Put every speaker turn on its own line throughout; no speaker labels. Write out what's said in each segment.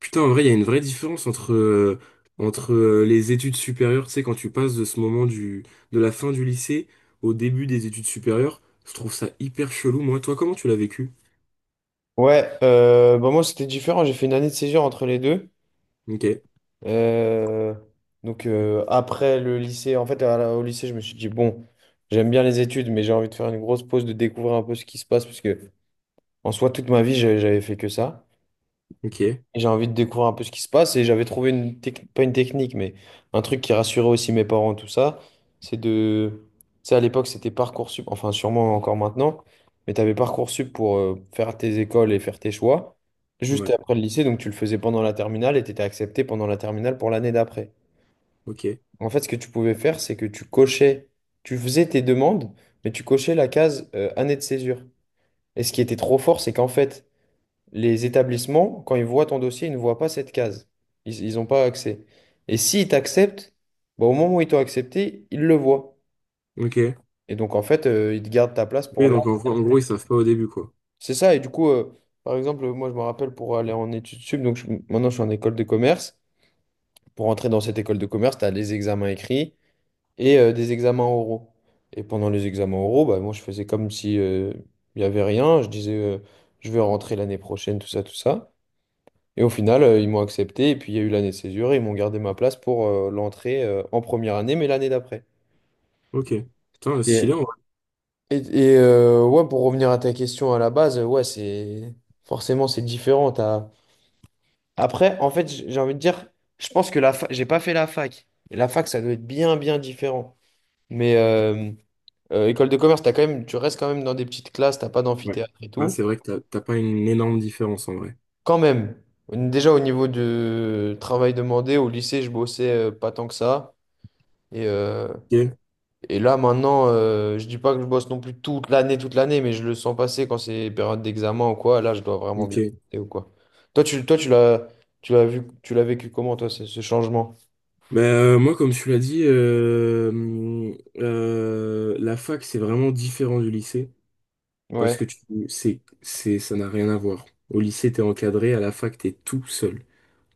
Putain, en vrai, il y a une vraie différence entre les études supérieures, tu sais, quand tu passes de ce moment de la fin du lycée au début des études supérieures, je trouve ça hyper chelou, moi. Toi, comment tu l'as vécu?
Ouais, bah moi c'était différent, j'ai fait une année de césure entre les deux.
Ok,
Euh, après le lycée, en fait au lycée je me suis dit bon, j'aime bien les études mais j'ai envie de faire une grosse pause, de découvrir un peu ce qui se passe parce que en soi toute ma vie j'avais fait que ça.
ok,
Et j'ai envie de découvrir un peu ce qui se passe et j'avais trouvé une technique, pas une technique, mais un truc qui rassurait aussi mes parents, tout ça, c'est de... Tu sais, à l'époque, c'était Parcoursup, enfin sûrement encore maintenant, mais tu avais Parcoursup pour faire tes écoles et faire tes choix, juste
ouais,
après le lycée, donc tu le faisais pendant la terminale et tu étais accepté pendant la terminale pour l'année d'après.
ok,
En fait, ce que tu pouvais faire, c'est que tu cochais, tu faisais tes demandes, mais tu cochais la case année de césure. Et ce qui était trop fort, c'est qu'en fait, les établissements, quand ils voient ton dossier, ils ne voient pas cette case. Ils n'ont pas accès. Et s'ils t'acceptent, bah, au moment où ils t'ont accepté, ils le voient.
ok.
Et donc, en fait, ils te gardent ta place pour
Oui,
là.
donc en gros, ils savent pas au début, quoi.
C'est ça. Et du coup, par exemple, moi, je me rappelle pour aller en études sup, donc maintenant, je suis en école de commerce. Pour entrer dans cette école de commerce, tu as les examens écrits et des examens oraux. Et pendant les examens oraux, bah, moi, je faisais comme si il n'y avait rien. Je disais, je vais rentrer l'année prochaine, tout ça, tout ça. Et au final, ils m'ont accepté. Et puis, il y a eu l'année de césure. Et ils m'ont gardé ma place pour l'entrée en première année, mais l'année d'après.
Ok. Putain,
Et,
stylé, en vrai.
et ouais, pour revenir à ta question à la base, ouais, c'est forcément c'est différent. Après, en fait, j'ai envie de dire, je pense que la fac, j'ai pas fait la fac. Et la fac, ça doit être bien, bien différent. Mais école de commerce, t'as quand même, tu restes quand même dans des petites classes, t'as pas
Ouais.
d'amphithéâtre et
Ouais,
tout.
c'est vrai que t'as pas une énorme différence, en vrai.
Quand même. Déjà au niveau de travail demandé, au lycée, je bossais pas tant que ça. Et, euh,
Ok,
Et là, maintenant, je dis pas que je bosse non plus toute l'année, mais je le sens passer quand c'est période d'examen ou quoi. Là, je dois vraiment bien
ok.
bosser ou quoi. Toi, tu l'as vu, tu l'as vécu comment, toi, ce changement?
Bah, moi, comme tu l'as dit, la fac, c'est vraiment différent du lycée. Parce
Ouais,
que tu, c'est, ça n'a rien à voir. Au lycée, t'es encadré, à la fac, t'es tout seul.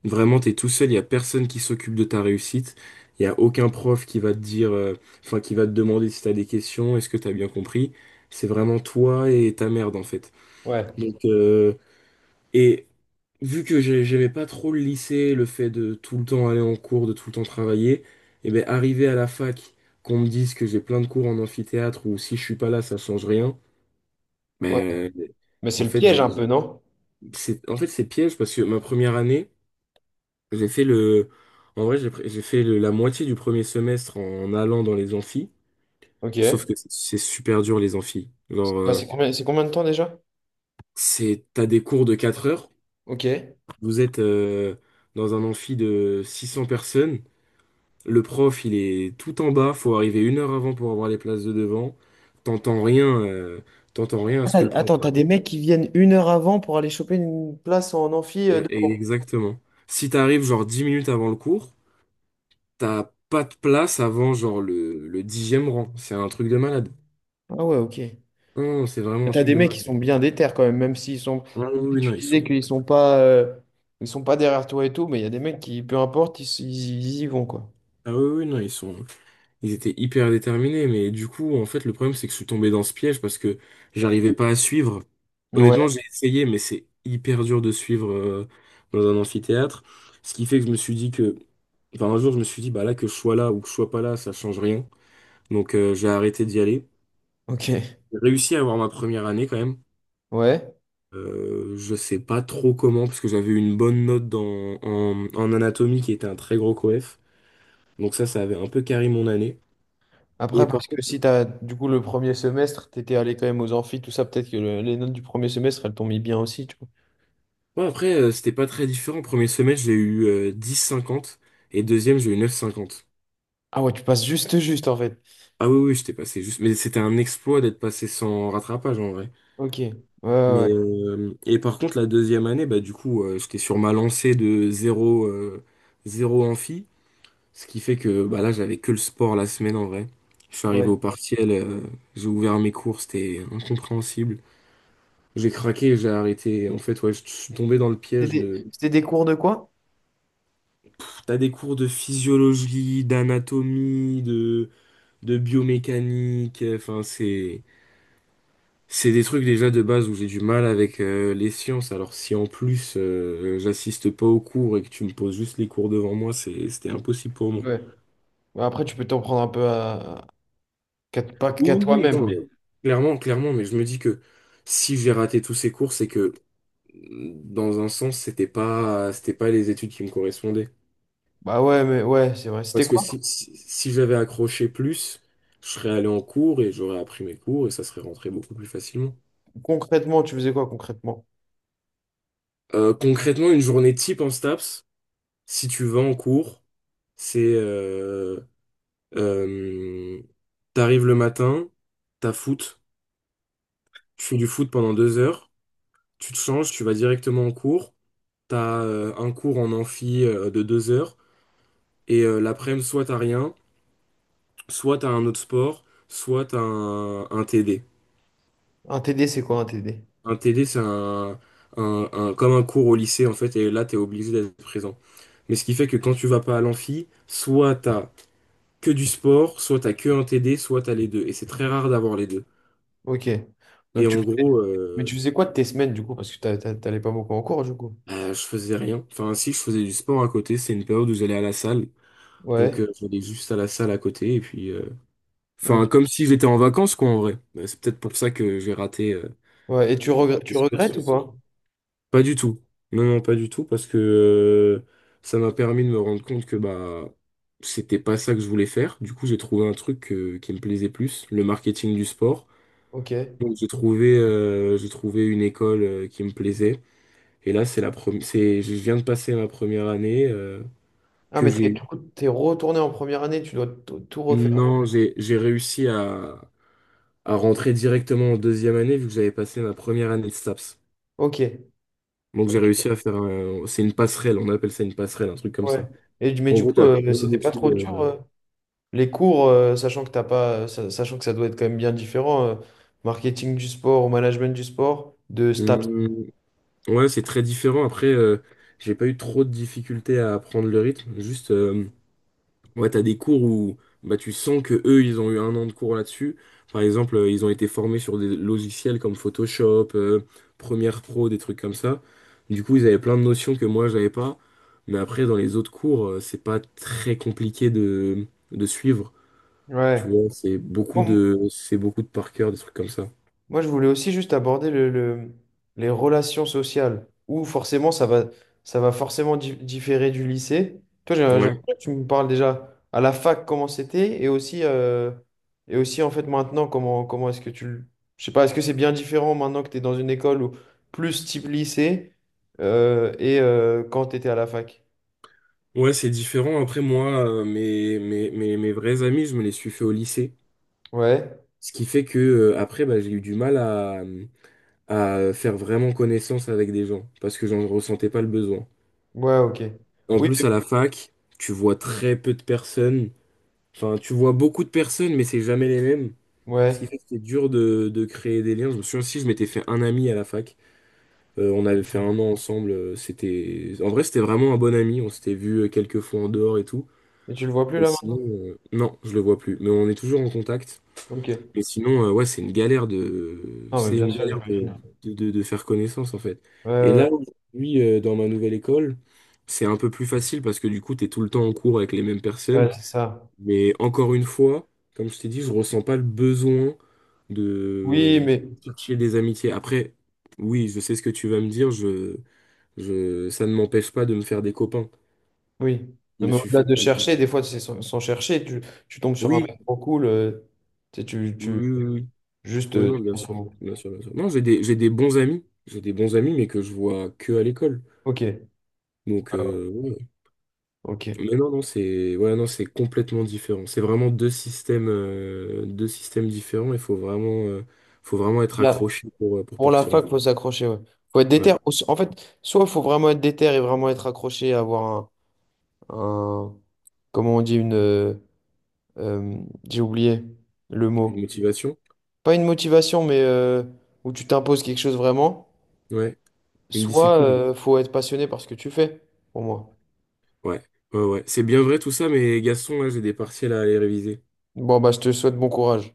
Vraiment, t'es tout seul, il n'y a personne qui s'occupe de ta réussite. Il n'y a aucun prof qui va te dire, enfin, qui va te demander si t'as des questions, est-ce que t'as bien compris. C'est vraiment toi et ta merde, en fait.
ouais,
Donc, et j'aimais pas trop le lycée, le fait de tout le temps aller en cours, de tout le temps travailler, et ben, arrivé à la fac, qu'on me dise que j'ai plein de cours en amphithéâtre ou si je suis pas là, ça change rien.
ouais.
Mais
Mais c'est
en
le
fait,
piège un peu, non?
c'est piège parce que ma première année, j'ai fait le en vrai, la moitié du premier semestre en allant dans les amphis, sauf
Ok.
que c'est super dur les amphis.
C'est
Genre
bah, c'est combien de temps déjà?
c'est t'as des cours de 4 heures,
Ok.
vous êtes dans un amphi de 600 personnes, le prof, il est tout en bas, faut arriver 1 heure avant pour avoir les places de devant. T'entends rien euh, t'entends rien à ce
Ah,
que le prof
attends, t'as des
raconte.
mecs qui viennent une heure avant pour aller choper une place en amphi
Et
devant.
exactement. Si t'arrives genre 10 minutes avant le cours, t'as pas de place avant genre le 10e rang. C'est un truc de malade.
Ah ouais, ok.
Non, c'est vraiment un
T'as
truc
des
de
mecs qui
malade.
sont bien déter quand même, même s'ils sont.
Ah oui,
Si
oui, non,
tu
ils
disais
sont.
qu'ils sont pas, ils sont pas derrière toi et tout, mais il y a des mecs qui, peu importe, ils y vont quoi.
Ah oui, oui, non, ils sont. Ils étaient hyper déterminés, mais du coup, en fait, le problème, c'est que je suis tombé dans ce piège parce que j'arrivais pas à suivre. Honnêtement,
Ouais,
j'ai essayé, mais c'est hyper dur de suivre dans un amphithéâtre. Ce qui fait que je me suis dit que. Enfin, un jour, je me suis dit, bah là, que je sois là ou que je sois pas là, ça change rien. Donc, j'ai arrêté d'y aller.
ok,
J'ai réussi à avoir ma première année quand même.
ouais.
Je sais pas trop comment, parce que j'avais une bonne note en anatomie qui était un très gros coef. Donc ça avait un peu carré mon année. Et
Après,
par
parce que
contre,
si t'as, du coup, le premier semestre, t'étais allé quand même aux amphis, tout ça, peut-être que les notes du premier semestre, elles t'ont mis bien aussi, tu vois.
ouais, après, c'était pas très différent. Premier semestre, j'ai eu 10,50 et deuxième, j'ai eu 9,50.
Ah ouais, tu passes juste, juste en fait.
Ah oui, oui, j'étais passé juste. Mais c'était un exploit d'être passé sans rattrapage en vrai.
Ok, ouais, ouais,
Mais,
ouais.
et par contre, la deuxième année, bah, du coup, j'étais sur ma lancée de zéro 0 amphi. Ce qui fait que bah là, j'avais que le sport la semaine en vrai. Je suis arrivé
Ouais.
au partiel, j'ai ouvert mes cours, c'était incompréhensible. J'ai craqué, j'ai arrêté. En fait, ouais, je suis tombé dans le piège de...
C'était des cours de quoi?
Pff, t'as des cours de physiologie, d'anatomie, de biomécanique. Enfin, c'est... C'est des trucs déjà de base où j'ai du mal avec les sciences. Alors si en plus j'assiste pas aux cours et que tu me poses juste les cours devant moi, c'était impossible pour moi.
Ouais. Bah après, tu peux t'en prendre un peu à, pas
Oui,
qu'à
oui, oui,
toi-même, mais.
non, clairement, clairement, mais je me dis que si j'ai raté tous ces cours, c'est que mmh, dans un sens, c'était pas les études qui me correspondaient.
Bah ouais, mais ouais, c'est vrai. C'était
Parce que
quoi?
si j'avais accroché plus, je serais allé en cours et j'aurais appris mes cours et ça serait rentré beaucoup plus facilement.
Concrètement, tu faisais quoi concrètement?
Concrètement, une journée type en STAPS, si tu vas en cours, c'est euh, t'arrives le matin, t'as foot, tu fais du foot pendant 2 heures, tu te changes, tu vas directement en cours. T'as un cours en amphi de 2 heures et l'après-midi, soit t'as rien, soit t'as un autre sport, soit t'as un TD.
Un TD, c'est quoi un TD?
Un TD, c'est comme un cours au lycée en fait, et là t'es obligé d'être présent. Mais ce qui fait que quand tu vas pas à l'amphi, soit t'as que du sport, soit t'as que un TD, soit t'as les deux. Et c'est très rare d'avoir les deux.
Ok.
Et
Donc tu...
en gros,
Mais tu faisais quoi de tes semaines du coup? Parce que t'allais pas beaucoup en cours du coup.
bah, je faisais rien. Enfin, si je faisais du sport à côté, c'est une période où j'allais à la salle.
Ouais.
Donc j'allais juste à la salle à côté et puis, enfin,
Ok.
comme si j'étais en vacances, quoi, en vrai. Mais c'est peut-être pour ça que j'ai raté euh,
Ouais. Et
raté
tu
ce
regrettes ou
cursus.
pas?
Pas du tout. Non, non, pas du tout, parce que ça m'a permis de me rendre compte que bah c'était pas ça que je voulais faire. Du coup, j'ai trouvé un truc qui me plaisait plus, le marketing du sport.
Ok.
Donc, j'ai trouvé une école qui me plaisait. Et là, c'est la première, c'est, je viens de passer ma première année
Ah,
que
mais
j'ai
t'es,
eue.
du coup, t'es retourné en première année, tu dois tout tout refaire.
Non, j'ai réussi à, rentrer directement en deuxième année vu que j'avais passé ma première année de STAPS.
Ok.
Donc j'ai réussi à faire un... C'est une passerelle, on appelle ça une passerelle, un truc comme
Ouais.
ça.
Et, mais
En
du
gros,
coup,
t'as plein
c'était pas
d'études...
trop dur les cours, sachant que t'as pas, sachant que ça doit être quand même bien différent, marketing du sport ou management du sport, de STAPS.
hum, ouais, c'est très différent. Après, j'ai pas eu trop de difficultés à apprendre le rythme. Juste, ouais, t'as des cours où bah, tu sens que eux, ils ont eu un an de cours là-dessus. Par exemple, ils ont été formés sur des logiciels comme Photoshop, Premiere Pro, des trucs comme ça. Du coup, ils avaient plein de notions que moi, j'avais pas. Mais après, dans les autres cours, c'est pas très compliqué de suivre. Tu
Ouais.
vois, c'est beaucoup de par cœur, des trucs comme ça.
Moi, je voulais aussi juste aborder les relations sociales, où forcément ça va forcément différer du lycée. Toi,
Ouais.
tu me parles déjà à la fac comment c'était et aussi en fait maintenant comment, comment est-ce que tu... Je sais pas, est-ce que c'est bien différent maintenant que tu es dans une école ou plus type lycée et quand tu étais à la fac?
Ouais, c'est différent. Après, moi, mes vrais amis, je me les suis fait au lycée.
Ouais,
Ce qui fait que, après, bah, j'ai eu du mal à faire vraiment connaissance avec des gens parce que j'en ressentais pas le besoin.
ouais, ok.
En
Oui,
plus,
mais,
à la fac, tu vois très peu de personnes. Enfin, tu vois beaucoup de personnes, mais c'est jamais les mêmes. Ce qui
ouais.
fait que c'est dur de créer des liens. Je me souviens aussi, je m'étais fait un ami à la fac. On avait fait un an ensemble. En vrai, c'était vraiment un bon ami. On s'était vu quelques fois en dehors et tout.
Et tu le vois plus
Et
là
sinon,
maintenant?
non, je le vois plus. Mais on est toujours en contact.
Ok.
Mais sinon, ouais, c'est une galère de,
Non, mais
c'est
bien
une
sûr,
galère de,
j'imagine.
faire connaissance en fait.
Ouais,
Et
ouais,
là, aujourd'hui, dans ma nouvelle école, c'est un peu plus facile parce que du coup, t'es tout le temps en cours avec les mêmes personnes.
ouais, c'est ça.
Mais encore une fois, comme je t'ai dit, je ressens pas le besoin
Oui,
de
mais
chercher des amitiés. Après, oui, je sais ce que tu vas me dire. Ça ne m'empêche pas de me faire des copains.
oui.
Je
Non,
me
mais
suis
au-delà
fait.
de chercher, des
Oui,
fois, c'est sans, sans chercher, tu tombes sur un
oui,
mec trop cool, tu sais,
oui, oui.
juste
Oui, non,
tu
bien
penses à
sûr.
vous.
Bien sûr, bien sûr. Non, j'ai des bons amis. J'ai des bons amis, mais que je vois que à l'école.
Ok. Ouais,
Donc,
ouais,
ouais.
ok.
Mais non, non, c'est ouais, non, c'est complètement différent. C'est vraiment deux systèmes différents. Il faut vraiment être
Là,
accroché pour
pour la
partir en.
fac, faut s'accrocher, ouais. Faut être
Ouais.
déter. En fait, soit faut vraiment être déter et vraiment être accroché, avoir un, un- comment on dit, une, euh, j'ai oublié le
Une
mot.
motivation.
Pas une motivation, mais où tu t'imposes quelque chose vraiment.
Ouais. Une
Soit
discipline.
faut être passionné par ce que tu fais, pour moi.
Ouais. Ouais, ouais. C'est bien vrai tout ça, mais Gaston, là, j'ai des partiels à aller réviser.
Bon, bah, je te souhaite bon courage.